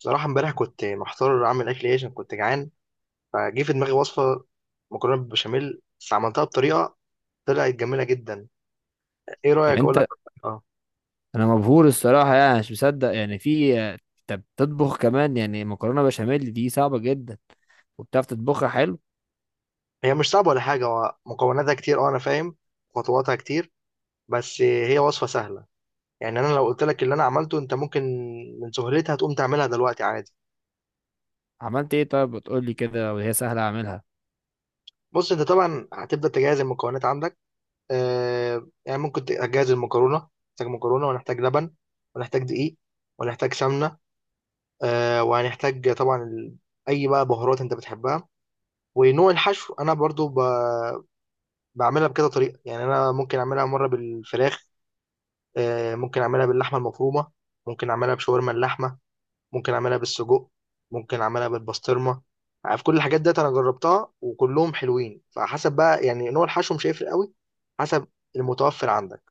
بصراحة امبارح كنت محتار أعمل أكل إيه عشان كنت جعان، فجه في دماغي وصفة مكرونة بالبشاميل. بس عملتها بطريقة طلعت جميلة جدا. إيه رأيك يعني أقول لك؟ انت أه. انا مبهور الصراحه، يعني مش مصدق، يعني في انت بتطبخ كمان؟ يعني مكرونه بشاميل دي صعبه جدا، وبتعرف تطبخها حلو. هي مش صعبة ولا حاجة، هو مكوناتها كتير. أه، أنا فاهم خطواتها كتير بس هي وصفة سهلة. يعني أنا لو قلت لك اللي أنا عملته أنت ممكن من سهولتها تقوم تعملها دلوقتي عادي. عملت ايه طيب؟ بتقول لي كده وهي سهله اعملها. بص، أنت طبعا هتبدأ تجهز المكونات عندك. يعني ممكن تجهز المكرونة. نحتاج مكرونة، ونحتاج لبن، ونحتاج دقيق، ونحتاج سمنة. وهنحتاج طبعا اي بقى بهارات انت بتحبها. ونوع الحشو انا برضو بعملها بكذا طريقه. يعني انا ممكن اعملها مره بالفراخ، ممكن اعملها باللحمه المفرومه، ممكن اعملها بشاورما اللحمه، ممكن اعملها بالسجق، ممكن اعملها بالبسطرمه. عارف كل الحاجات ديت انا جربتها وكلهم حلوين، فحسب بقى يعني نوع الحشو مش هيفرق قوي، حسب المتوفر عندك.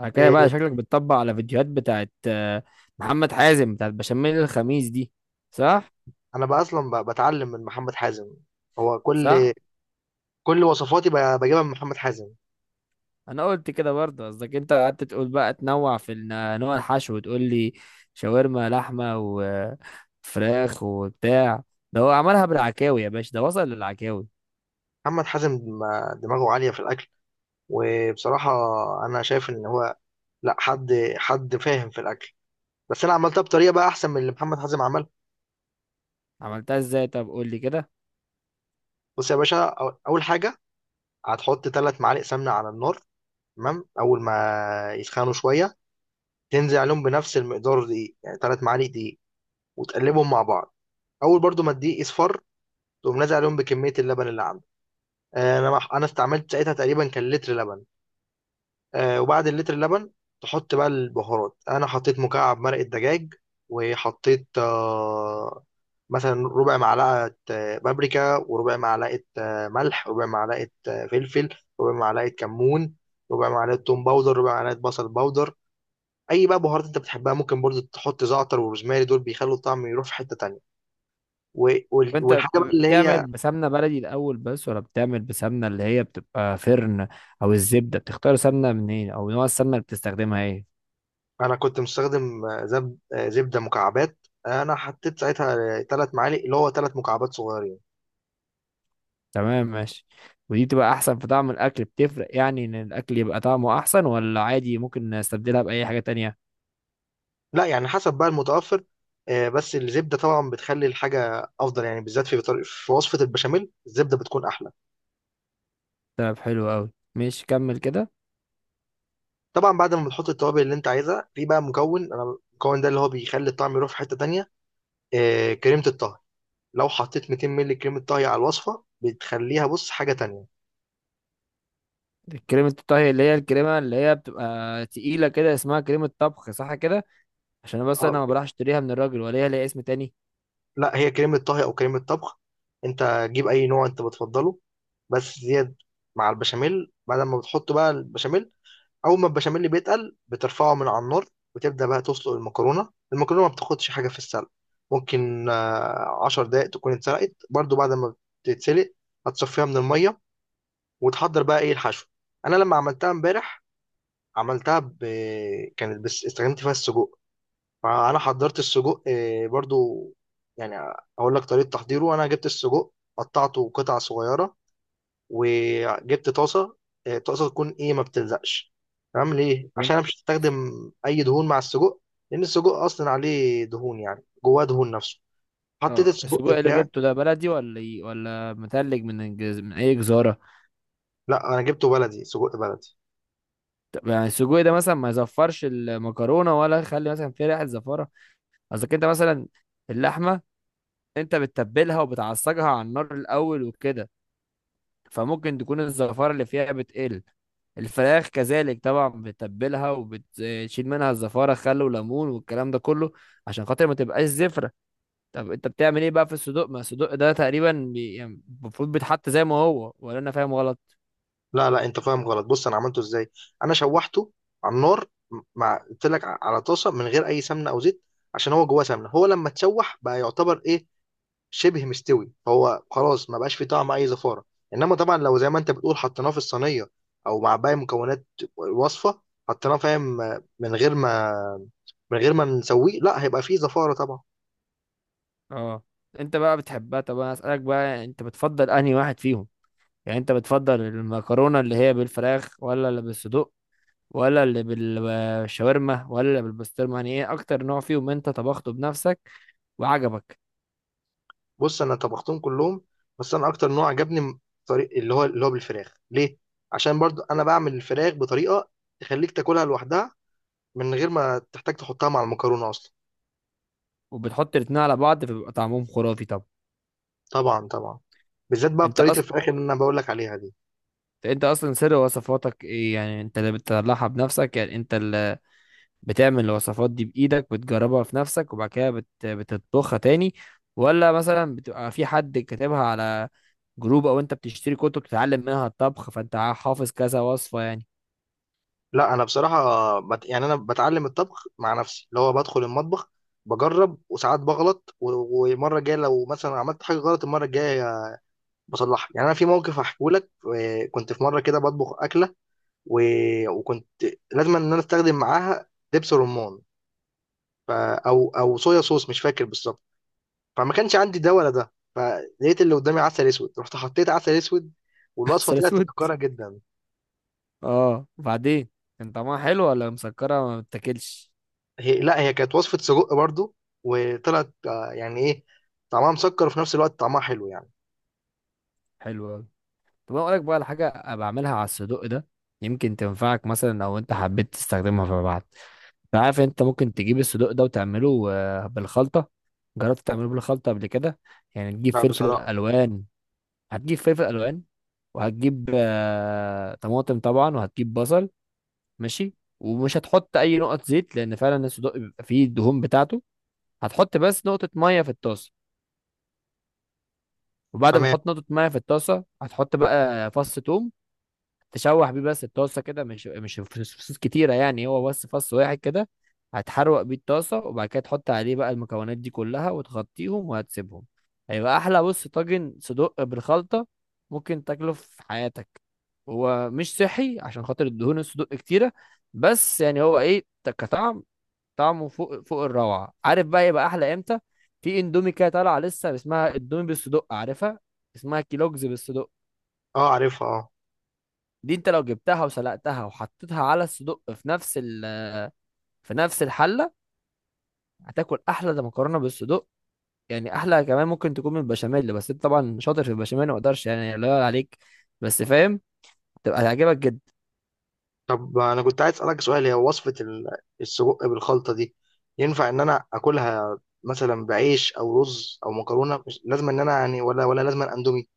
بعد كده آه، بقى شكلك بتطبق على فيديوهات بتاعت محمد حازم بتاعت بشاميل الخميس دي، صح؟ انا بقى اصلا بتعلم من محمد حازم. هو صح. كل وصفاتي بجيبها من محمد حازم. انا قلت كده برضه، قصدك انت قعدت تقول بقى تنوع في نوع الحشو وتقول لي شاورما لحمه وفراخ وبتاع، ده هو عملها بالعكاوي يا باشا، ده وصل للعكاوي. محمد حازم دماغه عالية في الأكل. وبصراحة أنا شايف إن هو لا حد فاهم في الأكل. بس أنا عملتها بطريقة بقى أحسن من اللي محمد حازم عملها. عملتها ازاي؟ طب قول لي كده. بص يا باشا، أول حاجة هتحط 3 معالق سمنة على النار. تمام، أول ما يسخنوا شوية تنزل عليهم بنفس المقدار دقيق، يعني 3 معالق دقيق، وتقلبهم مع بعض. أول برضو ما الدقيق يصفر تقوم نازل عليهم بكمية اللبن اللي عندك. أنا استعملت ساعتها تقريبا كان لتر لبن. وبعد اللتر اللبن تحط بقى البهارات. انا حطيت مكعب مرقة دجاج، وحطيت مثلا ربع معلقة بابريكا، وربع معلقة ملح، ربع معلقة فلفل، ربع معلقة كمون، ربع معلقة توم باودر، ربع معلقة بصل باودر. اي بقى بهارات انت بتحبها، ممكن برضو تحط زعتر وروزماري، دول بيخلوا الطعم يروح في حتة تانية. طب انت والحاجة بقى اللي بتعمل هي، بسمنه بلدي الاول بس، ولا بتعمل بسمنه اللي هي بتبقى فرن، او الزبده؟ بتختار سمنه منين؟ او نوع السمنه اللي بتستخدمها ايه؟ انا كنت مستخدم زبدة مكعبات. انا حطيت ساعتها 3 معالق، اللي هو 3 مكعبات صغيرة. تمام، ماشي. ودي بتبقى احسن في طعم الاكل؟ بتفرق يعني ان الاكل يبقى طعمه احسن، ولا عادي ممكن نستبدلها باي حاجه تانية؟ لا يعني حسب بقى المتوفر. بس الزبدة طبعا بتخلي الحاجة أفضل، يعني بالذات في في وصفة البشاميل الزبدة بتكون أحلى. طب حلو قوي، ماشي، كمل كده. طبعا بعد ما بتحط التوابل اللي أنت عايزها، في بقى مكون أنا، المكون ده اللي هو بيخلي الطعم يروح في حتة تانية. كريمة الطهي. لو حطيت 200 مللي كريمة طهي على الوصفة بتخليها بص حاجة تانية. كريمة الطهي اللي هي الكريمة اللي هي بتبقى تقيلة كده، اسمها كريمة طبخ، صح كده؟ عشان بس انا آه، ما بروحش اشتريها من الراجل، ولا هي ليها اسم تاني؟ لا، هي كريمة طهي أو كريمة طبخ. أنت جيب أي نوع أنت بتفضله، بس زياد مع البشاميل. بعد ما بتحط بقى البشاميل، اول ما البشاميل بيتقل بترفعه من على النار، وتبدا بقى تسلق المكرونه. المكرونه ما بتاخدش حاجه في السلق، ممكن 10 دقائق تكون اتسلقت. برضو بعد ما بتتسلق هتصفيها من الميه، وتحضر بقى ايه الحشو. انا لما عملتها امبارح عملتها كانت بس استخدمت فيها السجق. فانا حضرت السجق برضو، يعني اقول لك طريقه تحضيره. انا جبت السجق، قطعته قطع صغيره، وجبت طاسه. طاسه تكون ايه ما بتلزقش. تمام، ليه؟ عشان انا مش هستخدم اي دهون مع السجق، لان السجق اصلا عليه دهون، يعني جواه دهون نفسه. حطيت اه، السجق السجق اللي بتاعي. جبته ده بلدي ولا متلج، من اي جزاره؟ لا انا جبته بلدي، سجق بلدي. طب يعني السجق ده مثلا ما يزفرش المكرونه، ولا يخلي مثلا فيه ريحه زفاره؟ قصدك انت مثلا اللحمه، انت بتتبلها وبتعصجها على النار الاول وكده، فممكن تكون الزفاره اللي فيها بتقل. الفراخ كذلك طبعا بتتبلها وبتشيل منها الزفاره، خل وليمون والكلام ده كله، عشان خاطر ما تبقاش زفره. طب انت بتعمل ايه بقى في الصدوق؟ ما الصدوق ده تقريبا يعني المفروض بيتحط زي ما هو، ولا انا فاهم غلط؟ لا لا، انت فاهم غلط. بص انا عملته ازاي. انا شوحته على النار مع، قلت لك، على طاسه من غير اي سمنه او زيت، عشان هو جواه سمنه. هو لما تشوح بقى يعتبر ايه، شبه مستوي، هو خلاص ما بقاش فيه طعم اي زفاره. انما طبعا لو زي ما انت بتقول حطيناه في الصينيه او مع باقي مكونات الوصفه، حطيناه فاهم من غير ما نسويه، لا، هيبقى فيه زفاره طبعا. اه. انت بقى بتحبها، طب انا اسالك بقى، انت بتفضل انهي واحد فيهم؟ يعني انت بتفضل المكرونه اللي هي بالفراخ، ولا اللي بالصدوق، ولا اللي بالشاورما، ولا اللي بالبسطرمه؟ يعني ايه اكتر نوع فيهم انت طبخته بنفسك وعجبك؟ بص انا طبختهم كلهم، بس انا اكتر نوع عجبني طريق اللي هو اللي هو بالفراخ. ليه؟ عشان برضو انا بعمل الفراخ بطريقه تخليك تاكلها لوحدها من غير ما تحتاج تحطها مع المكرونه اصلا. وبتحط الاتنين على بعض فبيبقى طعمهم خرافي؟ طب طبعا طبعا، بالذات بقى انت بطريقه اصلا، الفراخ اللي انا بقول لك عليها دي. انت اصلا سر وصفاتك ايه؟ يعني انت اللي بتطلعها بنفسك، يعني انت بتعمل الوصفات دي بإيدك بتجربها في نفسك وبعد كده بتطبخها تاني، ولا مثلا بتبقى في حد كاتبها على جروب، او انت بتشتري كتب تتعلم منها الطبخ فانت حافظ كذا وصفة يعني؟ لا انا بصراحه يعني انا بتعلم الطبخ مع نفسي، اللي هو بدخل المطبخ بجرب، وساعات بغلط، ومره الجايه لو مثلا عملت حاجه غلط المره الجايه بصلحها. يعني انا في موقف هحكيه لك. كنت في مره كده بطبخ اكله و... وكنت لازم ان انا استخدم معاها دبس رمان، او صويا صوص مش فاكر بالظبط. فما كانش عندي ده ولا ده، فلقيت اللي قدامي عسل اسود، رحت حطيت عسل اسود. والوصفه عسل طلعت اسود. مسكره جدا. اه، وبعدين؟ كان طعمها حلو ولا مسكرة ما بتاكلش؟ هي، لا هي كانت وصفة سجق برضو، وطلعت يعني ايه، طعمها مسكر وفي نفس الوقت طعمها حلو يعني. حلو اوي. طب انا اقولك بقى على حاجة بعملها على الصدق ده، يمكن تنفعك مثلا لو انت حبيت تستخدمها فيما بعد. أنا عارف انت ممكن تجيب الصدوق ده وتعمله بالخلطة. جربت تعمله بالخلطة قبل كده؟ يعني تجيب لا فلفل بصراحة. الوان. هتجيب فلفل الوان وهتجيب طماطم طبعا وهتجيب بصل. ماشي. ومش هتحط اي نقط زيت، لان فعلا الصدوق بيبقى فيه الدهون بتاعته. هتحط بس نقطة مية في الطاسة، وبعد ما تمام. تحط نقطة مية في الطاسة هتحط بقى فص توم، تشوح بيه بس الطاسه كده، مش فصوص كتيره يعني، هو بس فص واحد كده. هتحروق بيه الطاسه وبعد كده تحط عليه بقى المكونات دي كلها وتغطيهم وهتسيبهم. هيبقى احلى، بص طاجن صدق بالخلطه ممكن تاكله في حياتك. هو مش صحي عشان خاطر الدهون الصدوق كتيره، بس يعني هو ايه كطعم، طعمه فوق فوق الروعه. عارف بقى يبقى احلى امتى؟ في اندومي كده طالعه لسه اسمها اندومي بالصدق، عارفها؟ اسمها كيلوجز بالصدق. اه، عارفها، اه. دي انت لو جبتها وسلقتها وحطيتها على الصدق في في نفس الحله، هتاكل احلى ده مكرونه بالصدق. يعني احلى كمان ممكن تكون من البشاميل، بس انت طبعا شاطر في البشاميل ما اقدرش يعني، لا يعلى عليك. بس فاهم، تبقى هتعجبك جدا. طب انا كنت عايز اسألك سؤال. هي وصفة السجق بالخلطة دي ينفع ان انا اكلها مثلا بعيش او رز او مكرونة؟ مش لازم ان انا يعني، ولا لازم اندومي.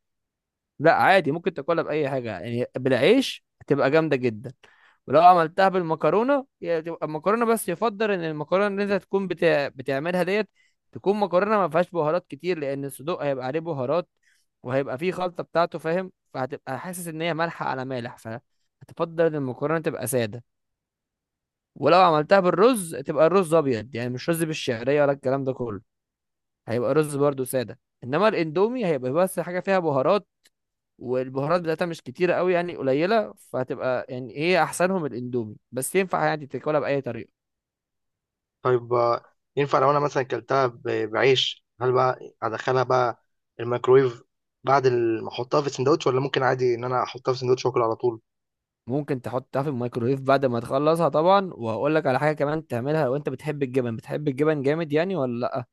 لا، عادي ممكن تاكلها باي حاجه يعني. بالعيش هتبقى جامده جدا، ولو عملتها بالمكرونه هي تبقى المكرونه بس، يفضل ان المكرونه اللي انت تكون بتعملها ديت تكون مكرونه ما فيهاش بهارات كتير، لان الصدوق هيبقى عليه بهارات وهيبقى فيه خلطه بتاعته فاهم، فهتبقى حاسس ان هي مالحه على مالح، فهتفضل ان المكرونه تبقى ساده. ولو عملتها بالرز تبقى الرز ابيض، يعني مش رز بالشعريه ولا الكلام ده كله، هيبقى رز برضو ساده. انما الاندومي هيبقى بس حاجه فيها بهارات، والبهارات بتاعتها مش كتيرة قوي يعني قليلة، فهتبقى يعني هي أحسنهم الأندومي، بس ينفع يعني تاكلها بأي طريقة. طيب، ينفع لو انا مثلا اكلتها بعيش؟ هل بقى ادخلها بقى الميكرويف بعد ما احطها في السندوتش، ولا ممكن عادي ان انا احطها في السندوتش واكل على طول؟ ممكن تحطها في الميكرويف بعد ما تخلصها طبعا، وهقول لك على حاجة كمان تعملها. لو أنت بتحب الجبن، بتحب الجبن جامد يعني ولا لأ؟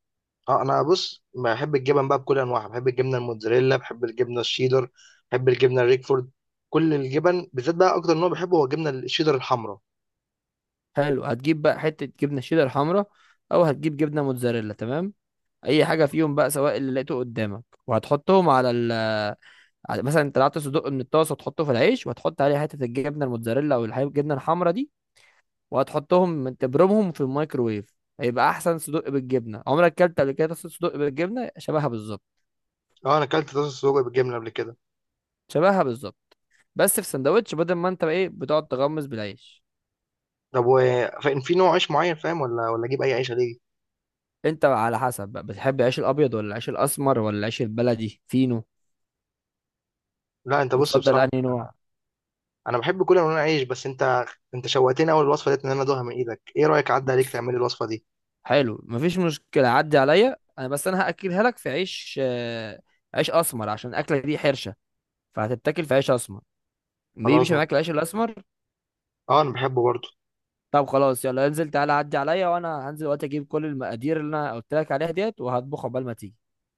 اه، انا، بص، بحب الجبن بقى بكل انواعها. بحب الجبنه الموتزاريلا، بحب الجبنه الشيدر، بحب الجبنه الريكفورد، كل الجبن. بالذات بقى اكتر نوع بحبه هو الجبنه الشيدر الحمراء. حلو، هتجيب بقى حتة جبنة شيدر حمرا، أو هتجيب جبنة موتزاريلا، تمام. أي حاجة فيهم بقى، سواء اللي لقيته قدامك، وهتحطهم مثلا انت طلعت صدق من الطاسة وتحطه في العيش، وهتحط عليه حتة الجبنة الموتزاريلا أو الجبنة الحمرا دي، وهتحطهم تبرمهم في الميكروويف. هيبقى احسن صدق بالجبنه عمرك اكلت قبل كده. طاسه صدق بالجبنه شبهها بالظبط. اه، انا اكلت طاسه سجق بالجبنه قبل كده. شبهها بالظبط، بس في سندوتش، بدل ما انت بقى ايه بتقعد تغمس بالعيش. طب، في نوع عيش معين فاهم؟ ولا اجيب اي عيش ليه؟ انت بقى على حسب، بقى بتحب العيش الابيض ولا العيش الاسمر ولا العيش البلدي فينو؟ لا، انت، بص، بتفضل بصراحه انهي نوع؟ انا بحب كل انواع العيش. بس انت، انت شوقتني اول الوصفه ديت ان انا ادوها من ايدك. ايه رايك اعدي عليك بص، تعملي الوصفه دي؟ حلو مفيش مشكله، عدي عليا انا، بس انا هاكلها لك في عيش عيش اسمر، عشان الاكله دي حرشه، فهتتاكل في عيش اسمر، خلاص، بيمشي ما معاك العيش الاسمر. اه انا بحبه برضه. طب خلاص، يلا انزل تعالى عدي عليا، وانا هنزل دلوقتي اجيب كل المقادير اللي انا قلت لك عليها ديت وهطبخ عقبال ما تيجي.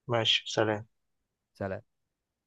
ماشي، سلام. سلام.